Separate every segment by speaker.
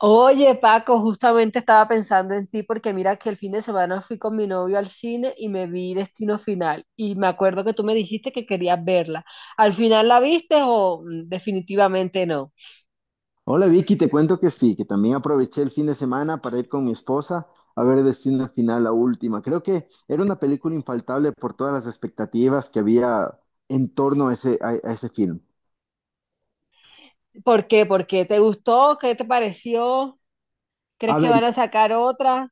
Speaker 1: Oye, Paco, justamente estaba pensando en ti porque mira que el fin de semana fui con mi novio al cine y me vi Destino Final y me acuerdo que tú me dijiste que querías verla. ¿Al final la viste o definitivamente no?
Speaker 2: Hola Vicky, te cuento que sí, que también aproveché el fin de semana para ir con mi esposa a ver Destino Final, la última. Creo que era una película infaltable por todas las expectativas que había en torno a ese film.
Speaker 1: ¿Por qué? ¿Por qué? ¿Te gustó? ¿Qué te pareció? ¿Crees
Speaker 2: A
Speaker 1: que
Speaker 2: ver,
Speaker 1: van a sacar otra?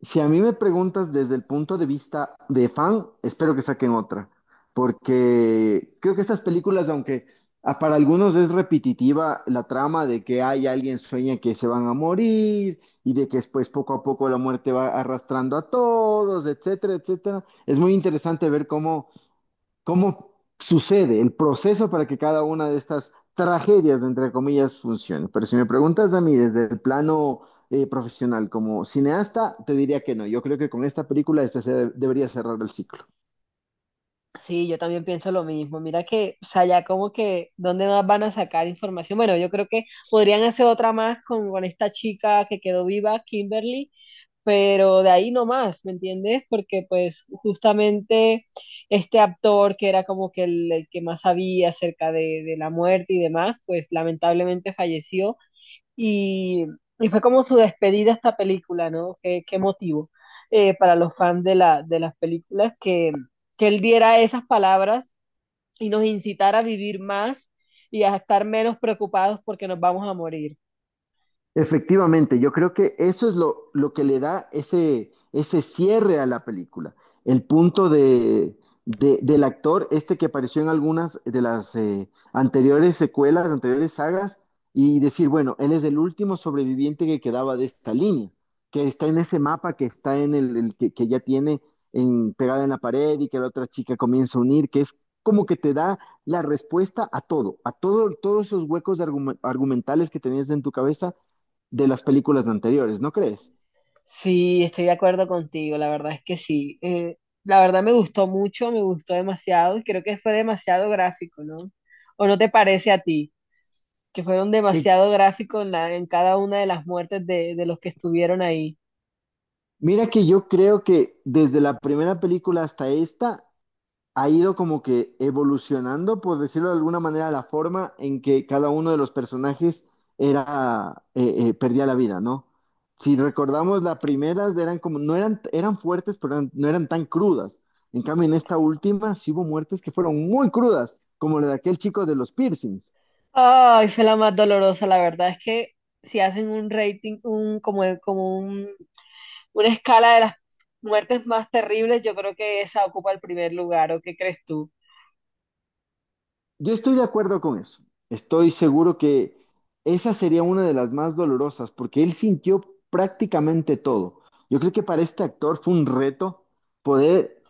Speaker 2: si a mí me preguntas desde el punto de vista de fan, espero que saquen otra, porque creo que estas películas, aunque para algunos es repetitiva la trama de que hay alguien sueña que se van a morir y de que después poco a poco la muerte va arrastrando a todos, etcétera, etcétera, es muy interesante ver cómo sucede el proceso para que cada una de estas tragedias, entre comillas, funcione. Pero si me preguntas a mí desde el plano profesional como cineasta, te diría que no. Yo creo que con esta película debería cerrar el ciclo.
Speaker 1: Sí, yo también pienso lo mismo. Mira que, o sea, ya como que, ¿dónde más van a sacar información? Bueno, yo creo que podrían hacer otra más con esta chica que quedó viva, Kimberly, pero de ahí no más, ¿me entiendes? Porque pues justamente este actor que era como que el que más sabía acerca de la muerte y demás, pues lamentablemente falleció y, y fue como su despedida a esta película, ¿no? Qué motivo, para los fans de las películas que él diera esas palabras y nos incitara a vivir más y a estar menos preocupados porque nos vamos a morir.
Speaker 2: Efectivamente, yo creo que eso es lo que le da ese cierre a la película. El punto del actor, este que apareció en algunas de las anteriores secuelas, anteriores sagas, y decir, bueno, él es el último sobreviviente que quedaba de esta línea, que está en ese mapa, que está en el que ya tiene en, pegada en la pared y que la otra chica comienza a unir, que es como que te da la respuesta a todo, todos esos huecos de argumentales que tenías en tu cabeza de las películas anteriores, ¿no crees?
Speaker 1: Sí, estoy de acuerdo contigo, la verdad es que sí. La verdad me gustó mucho, me gustó demasiado y creo que fue demasiado gráfico, ¿no? ¿O no te parece a ti que fueron
Speaker 2: Y
Speaker 1: demasiado gráficos en, en cada una de las muertes de los que estuvieron ahí?
Speaker 2: mira que yo creo que desde la primera película hasta esta ha ido como que evolucionando, por decirlo de alguna manera, la forma en que cada uno de los personajes era, perdía la vida, ¿no? Si recordamos, las primeras eran como, no eran, eran fuertes, pero no eran tan crudas. En cambio, en esta última sí hubo muertes que fueron muy crudas, como la de aquel chico de los piercings.
Speaker 1: Ay, fue la más dolorosa, la verdad es que si hacen un rating, un, como, como un, una escala de las muertes más terribles, yo creo que esa ocupa el primer lugar, ¿o qué crees tú?
Speaker 2: Yo estoy de acuerdo con eso. Estoy seguro que esa sería una de las más dolorosas porque él sintió prácticamente todo. Yo creo que para este actor fue un reto poder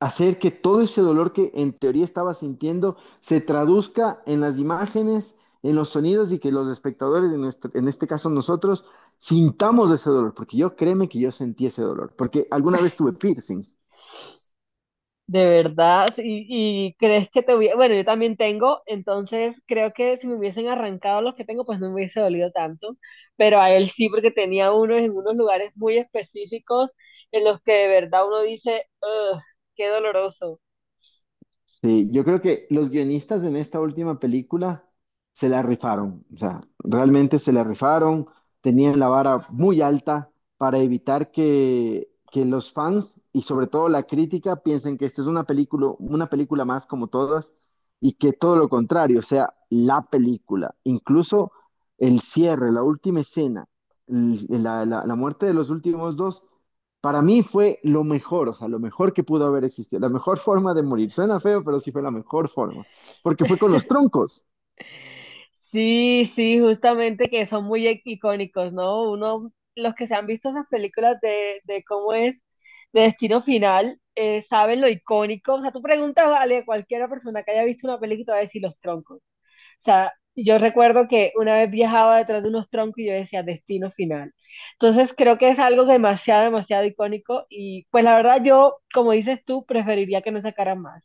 Speaker 2: hacer que todo ese dolor que en teoría estaba sintiendo se traduzca en las imágenes, en los sonidos y que los espectadores, en este caso nosotros, sintamos ese dolor. Porque yo créeme que yo sentí ese dolor. Porque alguna vez tuve piercing.
Speaker 1: De verdad, y crees que te hubiera, bueno, yo también tengo, entonces creo que si me hubiesen arrancado los que tengo, pues no me hubiese dolido tanto, pero a él sí, porque tenía unos en unos lugares muy específicos en los que de verdad uno dice, "Ugh, qué doloroso".
Speaker 2: Sí, yo creo que los guionistas en esta última película se la rifaron, o sea, realmente se la rifaron, tenían la vara muy alta para evitar que los fans y sobre todo la crítica piensen que esta es una película más como todas y que todo lo contrario, o sea, la película, incluso el cierre, la última escena, la muerte de los últimos dos. Para mí fue lo mejor, o sea, lo mejor que pudo haber existido, la mejor forma de morir. Suena feo, pero sí fue la mejor forma, porque fue con los troncos.
Speaker 1: Sí, sí, justamente que son muy icónicos, ¿no? Uno, los que se han visto esas películas de cómo es, de Destino Final, saben lo icónico, o sea, tú preguntas, vale, a cualquiera persona que haya visto una película te va a decir los troncos. O sea, yo recuerdo que una vez viajaba detrás de unos troncos y yo decía destino final. Entonces creo que es algo demasiado, demasiado icónico y pues la verdad yo, como dices tú, preferiría que no sacaran más,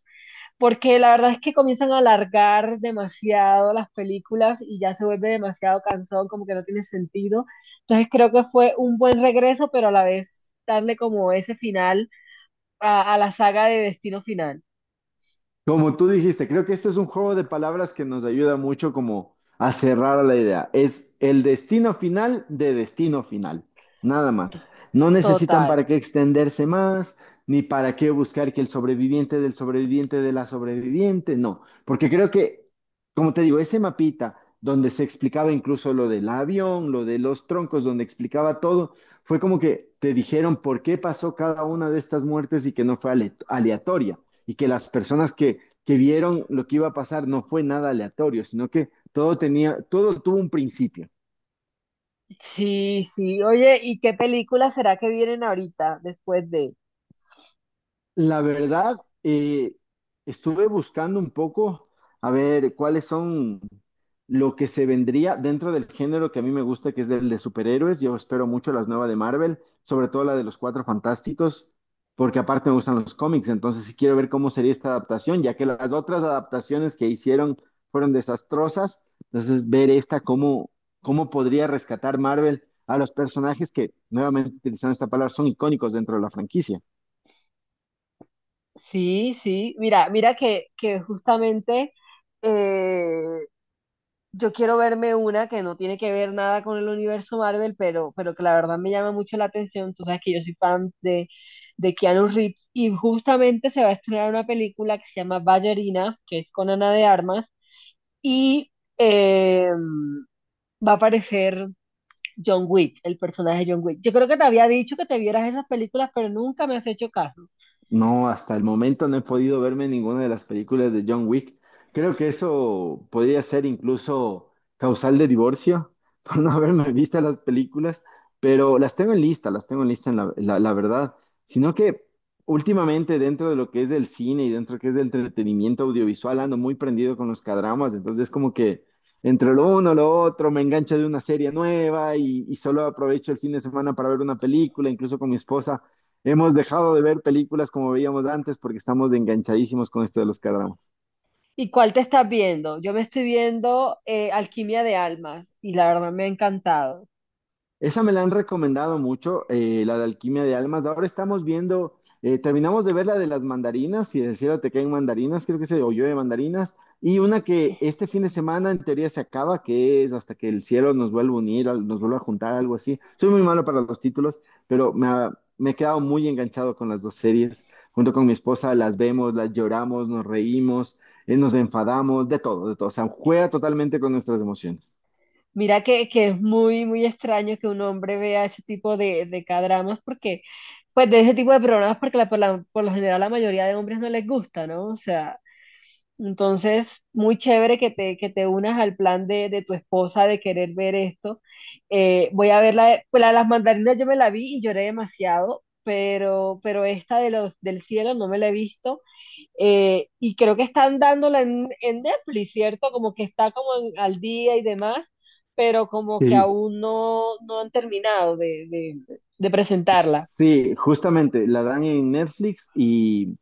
Speaker 1: porque la verdad es que comienzan a alargar demasiado las películas y ya se vuelve demasiado cansón, como que no tiene sentido. Entonces creo que fue un buen regreso, pero a la vez darle como ese final a la saga de destino final.
Speaker 2: Como tú dijiste, creo que esto es un juego de palabras que nos ayuda mucho como a cerrar la idea. Es el destino final de destino final, nada más. No necesitan
Speaker 1: Total.
Speaker 2: para qué extenderse más, ni para qué buscar que el sobreviviente del sobreviviente de la sobreviviente, no. Porque creo que, como te digo, ese mapita donde se explicaba incluso lo del avión, lo de los troncos, donde explicaba todo, fue como que te dijeron por qué pasó cada una de estas muertes y que no fue aleatoria y que las personas que vieron lo que iba a pasar no fue nada aleatorio, sino que todo tenía, todo tuvo un principio.
Speaker 1: Sí, sí. Oye, ¿y qué película será que vienen ahorita después de?
Speaker 2: La verdad, eh, estuve buscando un poco a ver cuáles son lo que se vendría dentro del género que a mí me gusta, que es el de superhéroes. Yo espero mucho las nuevas de Marvel, sobre todo la de los Cuatro Fantásticos, porque aparte me gustan los cómics, entonces sí quiero ver cómo sería esta adaptación, ya que las otras adaptaciones que hicieron fueron desastrosas. Entonces, ver esta, cómo, cómo podría rescatar Marvel a los personajes que, nuevamente utilizando esta palabra, son icónicos dentro de la franquicia.
Speaker 1: Sí, sí. Mira, mira que justamente eh, yo quiero verme una que no tiene que ver nada con el universo Marvel, pero que la verdad me llama mucho la atención. Tú sabes que yo soy fan de Keanu Reeves y justamente se va a estrenar una película que se llama Ballerina, que es con Ana de Armas y eh, va a aparecer John Wick, el personaje de John Wick. Yo creo que te había dicho que te vieras esas películas, pero nunca me has hecho caso.
Speaker 2: No, hasta el momento no he podido verme ninguna de las películas de John Wick. Creo que eso podría ser incluso causal de divorcio por no haberme visto las películas, pero las tengo en lista, las tengo en lista en la verdad. Sino que últimamente dentro de lo que es el cine y dentro de lo que es el entretenimiento audiovisual ando muy prendido con los cadramas, entonces como que entre lo uno, lo otro, me engancho de una serie nueva y solo aprovecho el fin de semana para ver una película, incluso con mi esposa. Hemos dejado de ver películas como veíamos antes porque estamos enganchadísimos con esto de los k.
Speaker 1: ¿Y cuál te estás viendo? Yo me estoy viendo Alquimia de Almas y la verdad me ha encantado.
Speaker 2: Esa me la han recomendado mucho, la de Alquimia de Almas. Ahora estamos viendo, terminamos de ver la de las mandarinas, si del cielo te caen mandarinas, creo que se o llueve mandarinas, y una que este fin de semana en teoría se acaba, que es hasta que el cielo nos vuelva a unir, nos vuelva a juntar, algo así. Soy muy malo para los títulos, pero me he quedado muy enganchado con las dos series. Junto con mi esposa las vemos, las lloramos, nos reímos, nos enfadamos, de todo, de todo. O sea, juega totalmente con nuestras emociones.
Speaker 1: Mira que es muy, muy extraño que un hombre vea ese tipo de K-dramas porque, pues de ese tipo de programas porque por lo general la mayoría de hombres no les gusta, ¿no? O sea, entonces, muy chévere que te unas al plan de tu esposa de querer ver esto. Voy a ver la, pues la de las mandarinas, yo me la vi y lloré demasiado, pero esta de los del cielo no me la he visto. Y creo que están dándola en Netflix, ¿cierto? Como que está como al día y demás, pero como que
Speaker 2: Sí.
Speaker 1: aún no, no han terminado de, de presentarla.
Speaker 2: Sí, justamente, la dan en Netflix y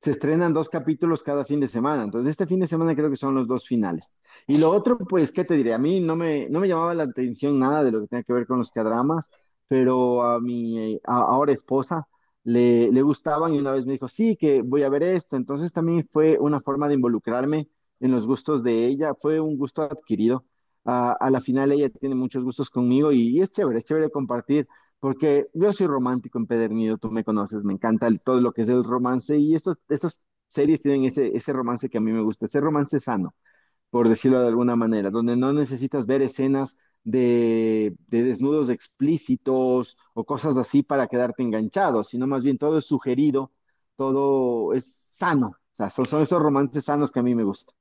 Speaker 2: se estrenan dos capítulos cada fin de semana. Entonces, este fin de semana creo que son los dos finales. Y lo otro, pues, ¿qué te diré? A mí no me llamaba la atención nada de lo que tenga que ver con los cadramas, pero a mi ahora esposa le gustaban y una vez me dijo, sí, que voy a ver esto. Entonces, también fue una forma de involucrarme en los gustos de ella. Fue un gusto adquirido. Ah, a la final, ella tiene muchos gustos conmigo y es chévere compartir porque yo soy romántico empedernido, tú me conoces, me encanta todo lo que es el romance y estas series tienen ese romance que a mí me gusta, ese romance sano, por decirlo de alguna manera, donde no necesitas ver escenas de desnudos explícitos o cosas así para quedarte enganchado, sino más bien todo es sugerido, todo es sano. O sea, son esos romances sanos que a mí me gustan.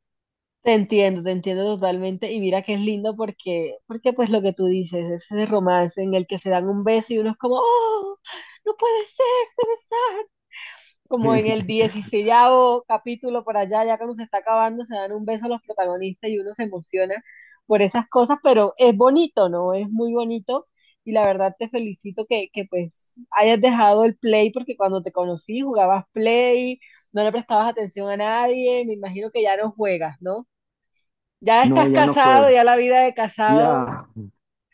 Speaker 1: Te entiendo totalmente. Y mira que es lindo porque, porque pues lo que tú dices, es ese romance en el que se dan un beso y uno es como, ¡oh! No puede ser, se besaron. Como en el dieciséavo capítulo por allá, ya cuando se está acabando, se dan un beso a los protagonistas y uno se emociona por esas cosas, pero es bonito, ¿no? Es muy bonito. Y la verdad te felicito que pues hayas dejado el play porque cuando te conocí jugabas play, no le prestabas atención a nadie, me imagino que ya no juegas, ¿no? Ya
Speaker 2: No,
Speaker 1: estás
Speaker 2: ya no
Speaker 1: casado,
Speaker 2: juego.
Speaker 1: ya la vida de casado,
Speaker 2: Ya.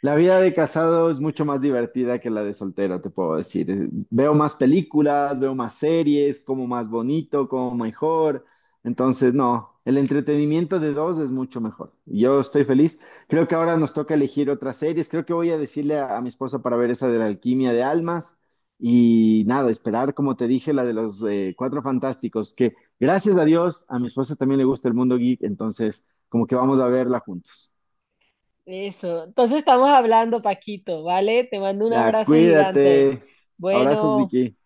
Speaker 2: La vida de casado es mucho más divertida que la de soltero, te puedo decir. Veo más películas, veo más series, como más bonito, como mejor. Entonces, no, el entretenimiento de dos es mucho mejor. Yo estoy feliz. Creo que ahora nos toca elegir otras series. Creo que voy a decirle a mi esposa para ver esa de la alquimia de almas. Y nada, esperar, como te dije, la de los Cuatro Fantásticos, que gracias a Dios, a mi esposa también le gusta el mundo geek, entonces como que vamos a verla juntos.
Speaker 1: eso. Entonces estamos hablando, Paquito, ¿vale? Te mando un
Speaker 2: Ya,
Speaker 1: abrazo gigante.
Speaker 2: cuídate. Abrazos,
Speaker 1: Bueno.
Speaker 2: Vicky.